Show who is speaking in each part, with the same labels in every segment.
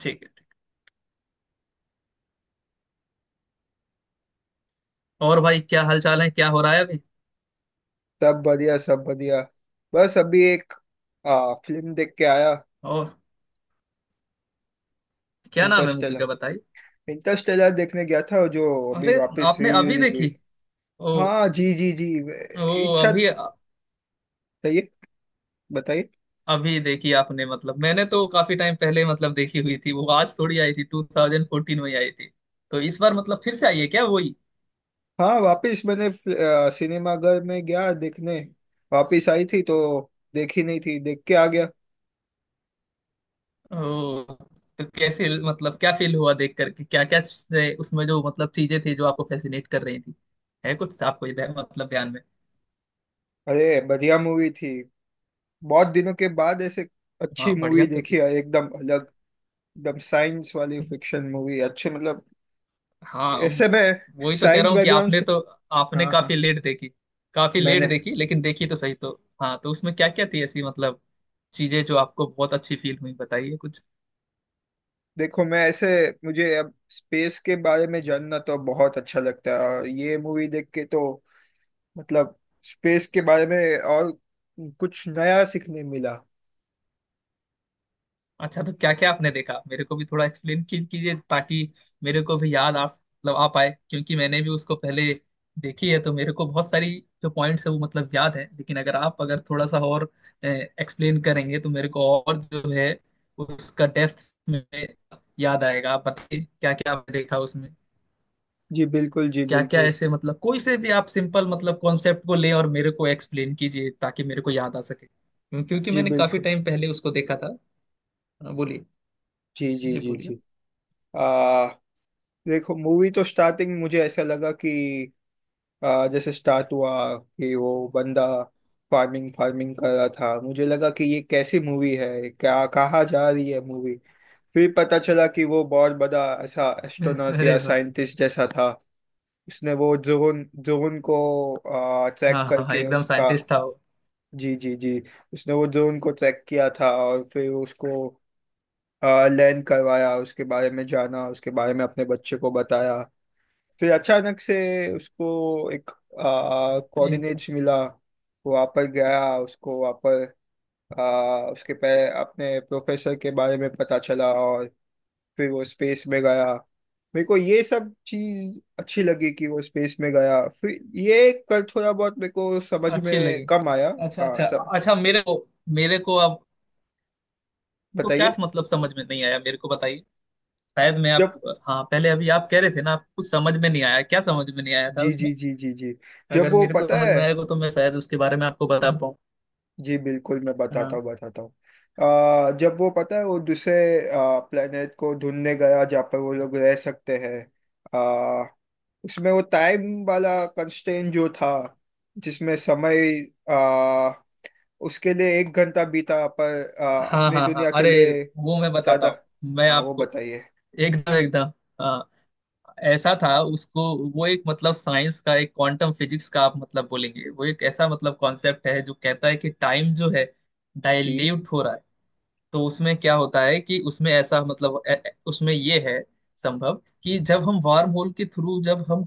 Speaker 1: ठीक है। और भाई क्या हालचाल है, क्या हो रहा है अभी।
Speaker 2: सब बढ़िया सब बढ़िया। बस अभी एक फिल्म देख के आया।
Speaker 1: और क्या नाम है मूवी
Speaker 2: इंटरस्टेलर।
Speaker 1: का बताइए।
Speaker 2: इंटरस्टेलर देखने गया था जो अभी
Speaker 1: अरे
Speaker 2: वापस री
Speaker 1: आपने अभी
Speaker 2: रिलीज
Speaker 1: देखी।
Speaker 2: हुई।
Speaker 1: ओ।
Speaker 2: हाँ जी जी जी
Speaker 1: ओ
Speaker 2: इच्छा
Speaker 1: अभी।
Speaker 2: बताइए बताइए।
Speaker 1: अभी देखी आपने, मतलब मैंने तो काफी टाइम पहले मतलब देखी हुई थी, वो आज थोड़ी आई थी, 2014 में ही आई थी। तो इस बार मतलब फिर से आई है क्या वही।
Speaker 2: हाँ वापस मैंने सिनेमा घर में गया देखने। वापस आई थी तो देखी नहीं थी, देख के आ गया।
Speaker 1: ओ। तो कैसे, मतलब क्या फील हुआ देख करके, क्या क्या उसमें जो मतलब चीजें थी जो आपको फैसिनेट कर रही थी, है कुछ आपको इधर मतलब ध्यान में।
Speaker 2: अरे बढ़िया मूवी थी। बहुत दिनों के बाद ऐसे
Speaker 1: हाँ
Speaker 2: अच्छी मूवी
Speaker 1: बढ़िया, तो
Speaker 2: देखी है, एकदम अलग, एकदम साइंस वाली
Speaker 1: थी।
Speaker 2: फिक्शन मूवी, अच्छे मतलब।
Speaker 1: हाँ
Speaker 2: ऐसे मैं
Speaker 1: वही तो कह
Speaker 2: साइंस
Speaker 1: रहा हूँ कि
Speaker 2: बैकग्राउंड
Speaker 1: आपने
Speaker 2: से।
Speaker 1: तो आपने
Speaker 2: हाँ
Speaker 1: काफी
Speaker 2: हाँ।
Speaker 1: लेट देखी, काफी लेट
Speaker 2: मैंने
Speaker 1: देखी लेकिन देखी तो सही। तो हाँ, तो उसमें क्या क्या थी ऐसी मतलब चीजें जो आपको बहुत अच्छी फील हुई बताइए कुछ।
Speaker 2: देखो मैं ऐसे, मुझे अब स्पेस के बारे में जानना तो बहुत अच्छा लगता है, और ये मूवी देख के तो मतलब स्पेस के बारे में और कुछ नया सीखने मिला।
Speaker 1: अच्छा तो क्या क्या आपने देखा, मेरे को भी थोड़ा एक्सप्लेन कीजिए ताकि मेरे को भी याद आ, मतलब आ पाए, क्योंकि मैंने भी उसको पहले देखी है, तो मेरे को बहुत सारी जो पॉइंट्स है वो मतलब याद है, लेकिन अगर आप, अगर थोड़ा सा और एक्सप्लेन करेंगे तो मेरे को और जो है उसका डेप्थ में याद आएगा। आप बताइए क्या क्या आपने देखा उसमें।
Speaker 2: जी बिल्कुल जी
Speaker 1: क्या क्या
Speaker 2: बिल्कुल।
Speaker 1: ऐसे मतलब कोई से भी आप सिंपल मतलब कॉन्सेप्ट को ले और मेरे को एक्सप्लेन कीजिए ताकि मेरे को याद आ सके, क्योंकि
Speaker 2: जी
Speaker 1: मैंने काफी
Speaker 2: बिल्कुल।
Speaker 1: टाइम पहले उसको देखा था। हाँ, बोलिए।
Speaker 2: जी जी
Speaker 1: जी
Speaker 2: जी
Speaker 1: बोलिए।
Speaker 2: जी। आ देखो मूवी तो स्टार्टिंग मुझे ऐसा लगा कि जैसे स्टार्ट हुआ कि वो बंदा फार्मिंग फार्मिंग कर रहा था, मुझे लगा कि ये कैसी मूवी है, क्या कहाँ जा रही है मूवी। फिर पता चला कि वो बहुत बड़ा ऐसा एस्ट्रोनॉट
Speaker 1: अरे
Speaker 2: या
Speaker 1: वाह।
Speaker 2: साइंटिस्ट जैसा था। उसने वो जोन जोन को चेक
Speaker 1: हाँ हाँ हाँ,
Speaker 2: करके
Speaker 1: एकदम
Speaker 2: उसका।
Speaker 1: साइंटिस्ट था वो।
Speaker 2: जी जी जी। उसने वो जोन को चेक किया था और फिर उसको लैंड करवाया, उसके बारे में जाना, उसके बारे में अपने बच्चे को बताया। फिर अचानक से उसको एक
Speaker 1: एकदम।
Speaker 2: कोऑर्डिनेट्स मिला, वो वहाँ पर गया, उसको वहाँ पर उसके पे अपने प्रोफेसर के बारे में पता चला और फिर वो स्पेस में गया। मेरे को ये सब चीज अच्छी लगी कि वो स्पेस में गया। फिर ये कल थोड़ा बहुत मेरे को समझ
Speaker 1: अच्छी
Speaker 2: में
Speaker 1: लगी।
Speaker 2: कम आया।
Speaker 1: अच्छा
Speaker 2: हाँ
Speaker 1: अच्छा।
Speaker 2: सब
Speaker 1: अच्छा मेरे को, मेरे को अब तो
Speaker 2: बताइए।
Speaker 1: क्या मतलब समझ में नहीं आया, मेरे को बताइए। शायद मैं आप।
Speaker 2: जब
Speaker 1: हाँ पहले अभी आप कह रहे थे ना, आप कुछ समझ में नहीं आया, क्या समझ में नहीं आया था
Speaker 2: जी
Speaker 1: उसमें।
Speaker 2: जी जी जी जी। जब
Speaker 1: अगर
Speaker 2: वो
Speaker 1: मेरे को
Speaker 2: पता
Speaker 1: समझ
Speaker 2: है,
Speaker 1: में आएगा तो मैं शायद उसके बारे में आपको बता पाऊँ।
Speaker 2: जी बिल्कुल मैं बताता
Speaker 1: हाँ
Speaker 2: हूँ बताता हूँ। जब वो पता है वो दूसरे प्लेनेट को ढूंढने गया जहाँ पर वो लोग रह सकते हैं। आ, उसमें वो टाइम वाला कंस्ट्रेंट जो था, जिसमें समय आ, उसके लिए एक घंटा बीता पर
Speaker 1: हाँ
Speaker 2: अपने
Speaker 1: हाँ हाँ
Speaker 2: दुनिया के
Speaker 1: अरे
Speaker 2: लिए
Speaker 1: वो मैं बताता
Speaker 2: ज्यादा।
Speaker 1: हूँ, मैं
Speaker 2: हाँ वो
Speaker 1: आपको
Speaker 2: बताइए।
Speaker 1: एकदम एकदम, हाँ ऐसा था उसको। वो एक मतलब साइंस का, एक क्वांटम फिजिक्स का आप मतलब बोलेंगे, वो एक ऐसा मतलब कॉन्सेप्ट है जो कहता है कि टाइम जो है
Speaker 2: जी।
Speaker 1: डाइल्यूट हो रहा है। तो उसमें क्या होता है कि उसमें ऐसा मतलब उसमें ये है संभव कि जब हम वार्म होल के थ्रू जब हम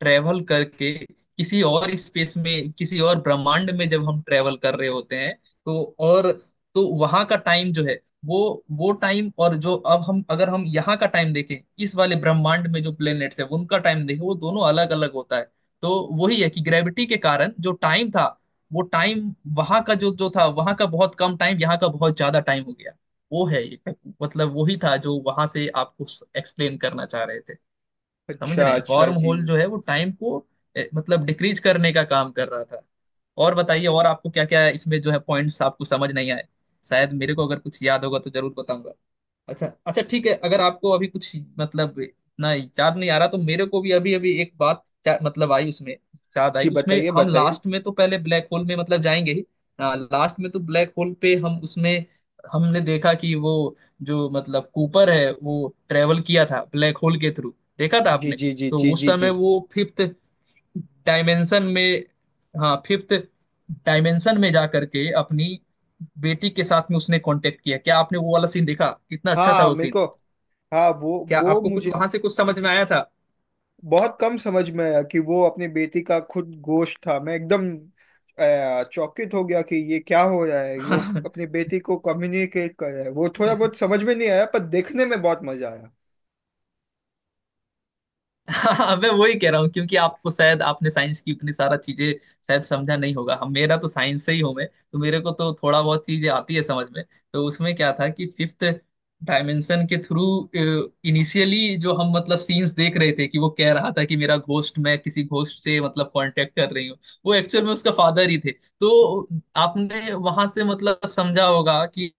Speaker 1: ट्रेवल करके किसी और स्पेस में किसी और ब्रह्मांड में जब हम ट्रेवल कर रहे होते हैं तो, और तो वहां का टाइम जो है, वो वो टाइम, और जो अब हम, अगर हम यहाँ का टाइम देखें, इस वाले ब्रह्मांड में जो प्लेनेट्स है उनका टाइम देखें, वो दोनों अलग अलग होता है। तो वही है कि ग्रेविटी के कारण जो टाइम था वो टाइम, वहां का जो जो था, वहां का बहुत कम टाइम, यहाँ का बहुत ज्यादा टाइम हो गया। वो है एक मतलब वही था जो वहां से आपको एक्सप्लेन करना चाह रहे थे। समझ
Speaker 2: अच्छा
Speaker 1: रहे हैं,
Speaker 2: अच्छा
Speaker 1: वॉर्म
Speaker 2: जी।
Speaker 1: होल जो है वो टाइम को मतलब डिक्रीज करने का काम कर रहा था। और बताइए, और आपको क्या क्या इसमें जो है पॉइंट्स आपको समझ नहीं आए, शायद मेरे को अगर कुछ याद होगा तो जरूर बताऊंगा। अच्छा अच्छा, ठीक है, अगर आपको अभी कुछ मतलब इतना याद नहीं आ रहा तो मेरे को भी अभी अभी एक बात मतलब आई उसमें, याद आई
Speaker 2: जी
Speaker 1: उसमें।
Speaker 2: बताइए
Speaker 1: हम
Speaker 2: बताइए।
Speaker 1: लास्ट में तो पहले ब्लैक होल में मतलब जाएंगे ही। लास्ट में तो ब्लैक होल पे हम उसमें हमने देखा कि वो जो मतलब कूपर है वो ट्रेवल किया था ब्लैक होल के थ्रू। देखा था
Speaker 2: जी
Speaker 1: आपने।
Speaker 2: जी जी
Speaker 1: तो
Speaker 2: जी
Speaker 1: उस
Speaker 2: जी
Speaker 1: समय
Speaker 2: जी।
Speaker 1: वो फिफ्थ डायमेंशन में, हाँ फिफ्थ डायमेंशन में जा करके अपनी बेटी के साथ में उसने कांटेक्ट किया, क्या आपने वो वाला सीन देखा, कितना अच्छा था
Speaker 2: हाँ
Speaker 1: वो
Speaker 2: मेरे
Speaker 1: सीन।
Speaker 2: को। हाँ वो
Speaker 1: क्या आपको कुछ
Speaker 2: मुझे
Speaker 1: वहां से कुछ समझ में आया।
Speaker 2: बहुत कम समझ में आया कि वो अपनी बेटी का खुद गोश्त था। मैं एकदम चौकित हो गया कि ये क्या हो रहा है,
Speaker 1: था।
Speaker 2: वो अपनी बेटी को कम्युनिकेट कर रहा है। वो थोड़ा बहुत समझ में नहीं आया पर देखने में बहुत मजा आया।
Speaker 1: हाँ मैं वही कह रहा हूँ क्योंकि आपको शायद आपने साइंस की उतनी सारा चीजें शायद समझा नहीं होगा। हम, मेरा तो साइंस से ही हूँ मैं, तो मेरे को तो थोड़ा बहुत चीजें आती है समझ में। तो उसमें क्या था कि फिफ्थ डायमेंशन के थ्रू, इनिशियली जो हम मतलब सीन्स देख रहे थे कि वो कह रहा था कि मेरा घोस्ट, मैं किसी घोस्ट से मतलब कांटेक्ट कर रही हूँ। वो एक्चुअल में उसका फादर ही थे। तो आपने वहां से मतलब समझा होगा कि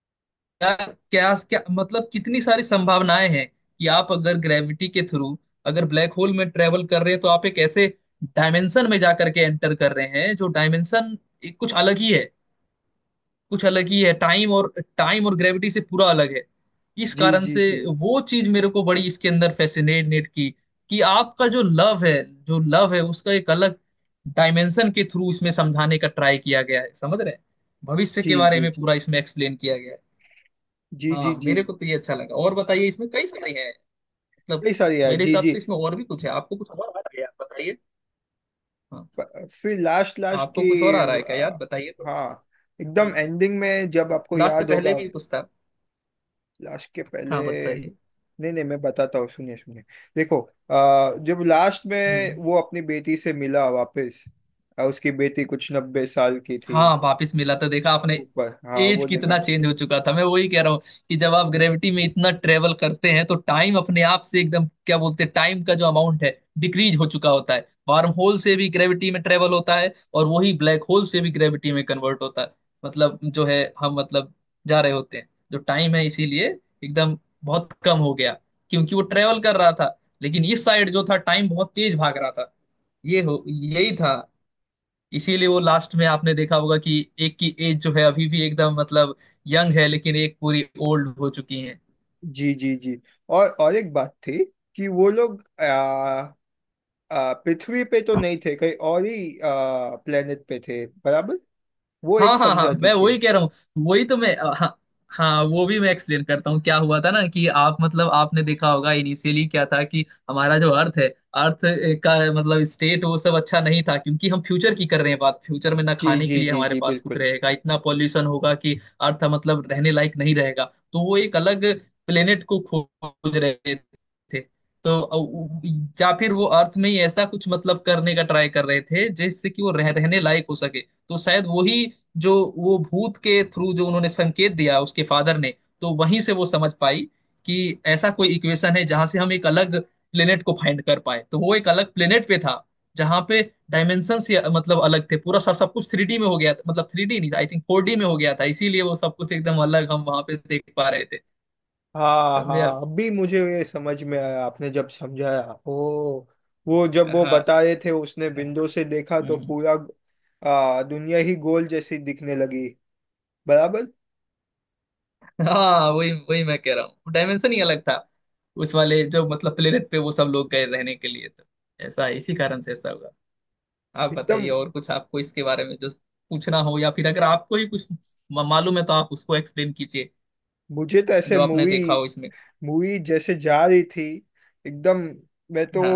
Speaker 1: यार क्या क्या, मतलब कितनी सारी संभावनाएं हैं कि आप अगर ग्रेविटी के थ्रू अगर ब्लैक होल में ट्रेवल कर रहे हैं तो आप एक ऐसे डायमेंशन में जा करके एंटर कर रहे हैं जो डायमेंशन कुछ अलग ही है, कुछ अलग ही है, टाइम और ग्रेविटी से पूरा अलग है, इस
Speaker 2: जी
Speaker 1: कारण
Speaker 2: जी
Speaker 1: से।
Speaker 2: जी
Speaker 1: वो चीज मेरे को बड़ी इसके अंदर फैसिनेट की, कि आपका जो लव है, जो लव है, उसका एक अलग डायमेंशन के थ्रू इसमें समझाने का ट्राई किया गया है। समझ रहे हैं। भविष्य के
Speaker 2: जी
Speaker 1: बारे
Speaker 2: जी
Speaker 1: में
Speaker 2: जी
Speaker 1: पूरा इसमें एक्सप्लेन किया गया है।
Speaker 2: जी जी
Speaker 1: हाँ
Speaker 2: जी।
Speaker 1: मेरे को तो ये अच्छा लगा और बताइए, इसमें कई सारे हैं मतलब,
Speaker 2: कई सारी है
Speaker 1: मेरे
Speaker 2: जी
Speaker 1: हिसाब
Speaker 2: जी।
Speaker 1: से इसमें और भी कुछ है, आपको कुछ और आ रहा है यार बताइए। हाँ
Speaker 2: फिर लास्ट लास्ट
Speaker 1: आपको
Speaker 2: की
Speaker 1: कुछ और आ रहा है क्या यार
Speaker 2: आ,
Speaker 1: बताइए थोड़ा।
Speaker 2: हाँ एकदम
Speaker 1: हम्म।
Speaker 2: एंडिंग में जब आपको
Speaker 1: लास्ट से
Speaker 2: याद
Speaker 1: पहले
Speaker 2: होगा।
Speaker 1: भी कुछ था।
Speaker 2: लास्ट के पहले
Speaker 1: हाँ बताइए।
Speaker 2: नहीं नहीं मैं बताता हूँ सुनिए सुनिए। देखो जब लास्ट में
Speaker 1: हम्म,
Speaker 2: वो अपनी बेटी से मिला वापस। उसकी बेटी कुछ 90 साल की थी।
Speaker 1: हाँ वापिस मिला तो देखा आपने,
Speaker 2: ऊपर, हाँ
Speaker 1: एज
Speaker 2: वो
Speaker 1: कितना
Speaker 2: देखा।
Speaker 1: चेंज हो चुका था। मैं वही कह रहा हूँ कि जब आप ग्रेविटी में इतना ट्रेवल करते हैं तो टाइम अपने आप से एकदम क्या बोलते हैं, टाइम का जो अमाउंट है डिक्रीज हो चुका होता है। वार्म होल से भी ग्रेविटी में ट्रेवल होता है और वही ब्लैक होल से भी ग्रेविटी में कन्वर्ट होता है। मतलब जो है हम मतलब जा रहे होते हैं, जो टाइम है इसीलिए एकदम बहुत कम हो गया, क्योंकि वो ट्रेवल कर रहा था लेकिन इस साइड जो था टाइम बहुत तेज भाग रहा था। ये हो यही था। इसीलिए वो लास्ट में आपने देखा होगा कि एक की एज जो है अभी भी एकदम मतलब यंग है, लेकिन एक पूरी ओल्ड हो चुकी है।
Speaker 2: जी जी जी। और एक बात थी कि वो लोग आ, आ, पृथ्वी पे तो नहीं थे, कहीं और ही प्लेनेट पे थे बराबर। वो एक
Speaker 1: हाँ हाँ हाँ
Speaker 2: समझा
Speaker 1: मैं
Speaker 2: दीजिए।
Speaker 1: वही कह रहा हूँ, वही तो मैं हाँ। हाँ वो भी मैं एक्सप्लेन करता हूँ, क्या हुआ था ना कि आप मतलब आपने देखा होगा इनिशियली क्या था कि हमारा जो अर्थ है, अर्थ का मतलब स्टेट वो सब अच्छा नहीं था, क्योंकि हम फ्यूचर की कर रहे हैं बात, फ्यूचर में ना
Speaker 2: जी
Speaker 1: खाने के
Speaker 2: जी
Speaker 1: लिए
Speaker 2: जी
Speaker 1: हमारे
Speaker 2: जी
Speaker 1: पास कुछ
Speaker 2: बिल्कुल।
Speaker 1: रहेगा, इतना पॉल्यूशन होगा कि अर्थ मतलब रहने लायक नहीं रहेगा। तो वो एक अलग प्लेनेट को खोज रहे थे। तो या फिर वो अर्थ में ही ऐसा कुछ मतलब करने का ट्राई कर रहे थे जिससे कि वो रहने लायक हो सके, तो शायद वही जो वो भूत के थ्रू जो उन्होंने संकेत दिया उसके फादर ने, तो वहीं से वो समझ पाई कि ऐसा कोई इक्वेशन है जहां से हम एक अलग प्लेनेट को फाइंड कर पाए। तो वो एक अलग प्लेनेट पे था, जहां पे डायमेंशन से मतलब अलग थे, पूरा सब सब कुछ थ्री डी में हो गया था, मतलब थ्री डी नहीं आई थिंक फोर डी में हो गया था, इसीलिए वो सब कुछ एकदम अलग हम वहां पे देख पा रहे थे।
Speaker 2: हाँ
Speaker 1: समझे आप।
Speaker 2: हाँ अभी मुझे ये समझ में आया आपने जब समझाया। ओ वो जब वो
Speaker 1: हाँ
Speaker 2: बता रहे थे उसने विंडो से देखा तो
Speaker 1: हम्म,
Speaker 2: पूरा दुनिया ही गोल जैसी दिखने लगी, बराबर,
Speaker 1: हाँ वही वही मैं कह रहा हूँ डायमेंशन ही अलग था उस वाले जो मतलब प्लेनेट पे, वो सब लोग गए रहने के लिए, तो ऐसा इसी कारण से ऐसा हुआ। आप बताइए
Speaker 2: एकदम।
Speaker 1: और कुछ आपको इसके बारे में जो पूछना हो, या फिर अगर आपको ही कुछ मालूम है तो आप उसको एक्सप्लेन कीजिए
Speaker 2: मुझे तो ऐसे
Speaker 1: जो आपने
Speaker 2: मूवी,
Speaker 1: देखा हो इसमें।
Speaker 2: मूवी जैसे जा रही थी एकदम। मैं तो
Speaker 1: हाँ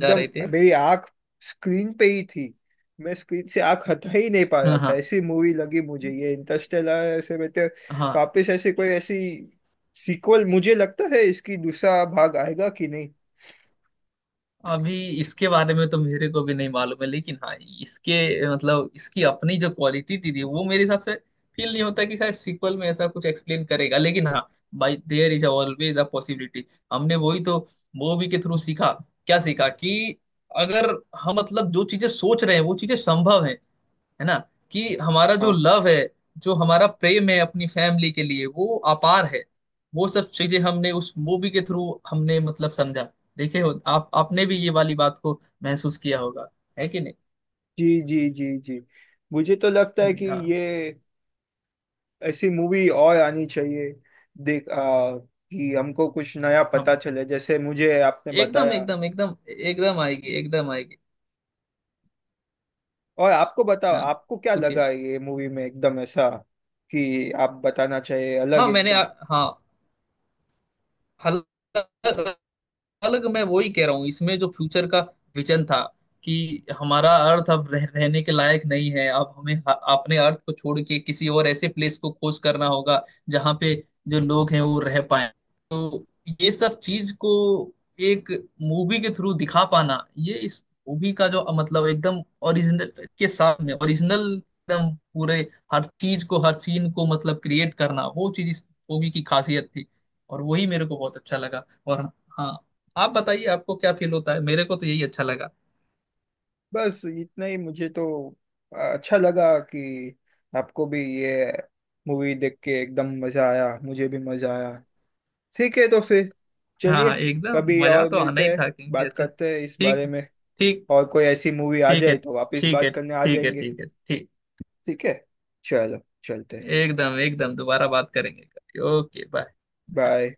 Speaker 1: जा रहे थे।
Speaker 2: मेरी आंख स्क्रीन पे ही थी, मैं स्क्रीन से आंख हटा ही नहीं पा रहा
Speaker 1: हाँ
Speaker 2: था।
Speaker 1: हाँ
Speaker 2: ऐसी मूवी लगी मुझे ये इंटरस्टेलर, ऐसे मैं तो
Speaker 1: हाँ
Speaker 2: वापस ऐसे कोई ऐसी सीक्वल मुझे लगता है इसकी दूसरा भाग आएगा कि नहीं।
Speaker 1: अभी इसके बारे में तो मेरे को भी नहीं मालूम है, लेकिन हाँ, इसके मतलब इसकी अपनी जो क्वालिटी थी वो मेरे हिसाब से फील नहीं होता कि शायद सीक्वल में ऐसा कुछ एक्सप्लेन करेगा, लेकिन हाँ by there is always a possibility. हमने वही तो मूवी के थ्रू सीखा, क्या सीखा कि अगर हम मतलब जो चीजें सोच रहे हैं वो चीजें संभव है ना, कि हमारा जो
Speaker 2: हाँ
Speaker 1: लव है, जो हमारा प्रेम है अपनी फैमिली के लिए वो अपार है, वो सब चीजें हमने उस मूवी के थ्रू हमने मतलब समझा। देखे हो आप, आपने भी ये वाली बात को महसूस किया होगा, है कि नहीं।
Speaker 2: जी जी जी जी। मुझे तो लगता है कि
Speaker 1: हाँ।
Speaker 2: ये ऐसी मूवी और आनी चाहिए देख कि हमको कुछ नया
Speaker 1: हम।
Speaker 2: पता चले जैसे मुझे आपने
Speaker 1: एकदम
Speaker 2: बताया।
Speaker 1: एकदम एकदम एकदम आएगी, एकदम आएगी।
Speaker 2: और आपको बताओ
Speaker 1: हाँ
Speaker 2: आपको क्या
Speaker 1: पूछिए।
Speaker 2: लगा ये मूवी में एकदम ऐसा कि आप बताना चाहिए अलग
Speaker 1: हाँ मैंने
Speaker 2: एकदम।
Speaker 1: हाँ, हल अलग, मैं वही कह रहा हूँ इसमें जो फ्यूचर का विजन था कि हमारा अर्थ अब रहने के लायक नहीं है, अब हमें अपने अर्थ को छोड़ के किसी और ऐसे प्लेस को खोज करना होगा, जहाँ पे जो लोग हैं वो रह पाए। तो ये सब चीज को एक मूवी के थ्रू दिखा पाना, ये इस मूवी का जो मतलब एकदम ओरिजिनल, के साथ में ओरिजिनल एकदम पूरे हर चीज को हर सीन को मतलब क्रिएट करना, वो चीज इस मूवी की खासियत थी, और वही मेरे को बहुत अच्छा लगा। और हाँ, आप बताइए, आपको क्या फील होता है, मेरे को तो यही अच्छा लगा।
Speaker 2: बस इतना ही मुझे तो अच्छा लगा कि आपको भी ये मूवी देख के एकदम मजा आया, मुझे भी मजा आया। ठीक है तो फिर
Speaker 1: हाँ
Speaker 2: चलिए
Speaker 1: हाँ एकदम
Speaker 2: कभी
Speaker 1: मजा
Speaker 2: और
Speaker 1: तो आना
Speaker 2: मिलते
Speaker 1: ही
Speaker 2: हैं,
Speaker 1: था क्योंकि
Speaker 2: बात
Speaker 1: अच्छा।
Speaker 2: करते हैं इस
Speaker 1: ठीक।
Speaker 2: बारे में।
Speaker 1: ठीक।
Speaker 2: और कोई ऐसी मूवी आ
Speaker 1: ठीक है
Speaker 2: जाए तो वापस
Speaker 1: ठीक है
Speaker 2: बात करने आ
Speaker 1: ठीक है
Speaker 2: जाएंगे।
Speaker 1: ठीक है ठीक।
Speaker 2: ठीक है। चलो चलते।
Speaker 1: एकदम एकदम दोबारा बात करेंगे। Okay bye.
Speaker 2: बाय।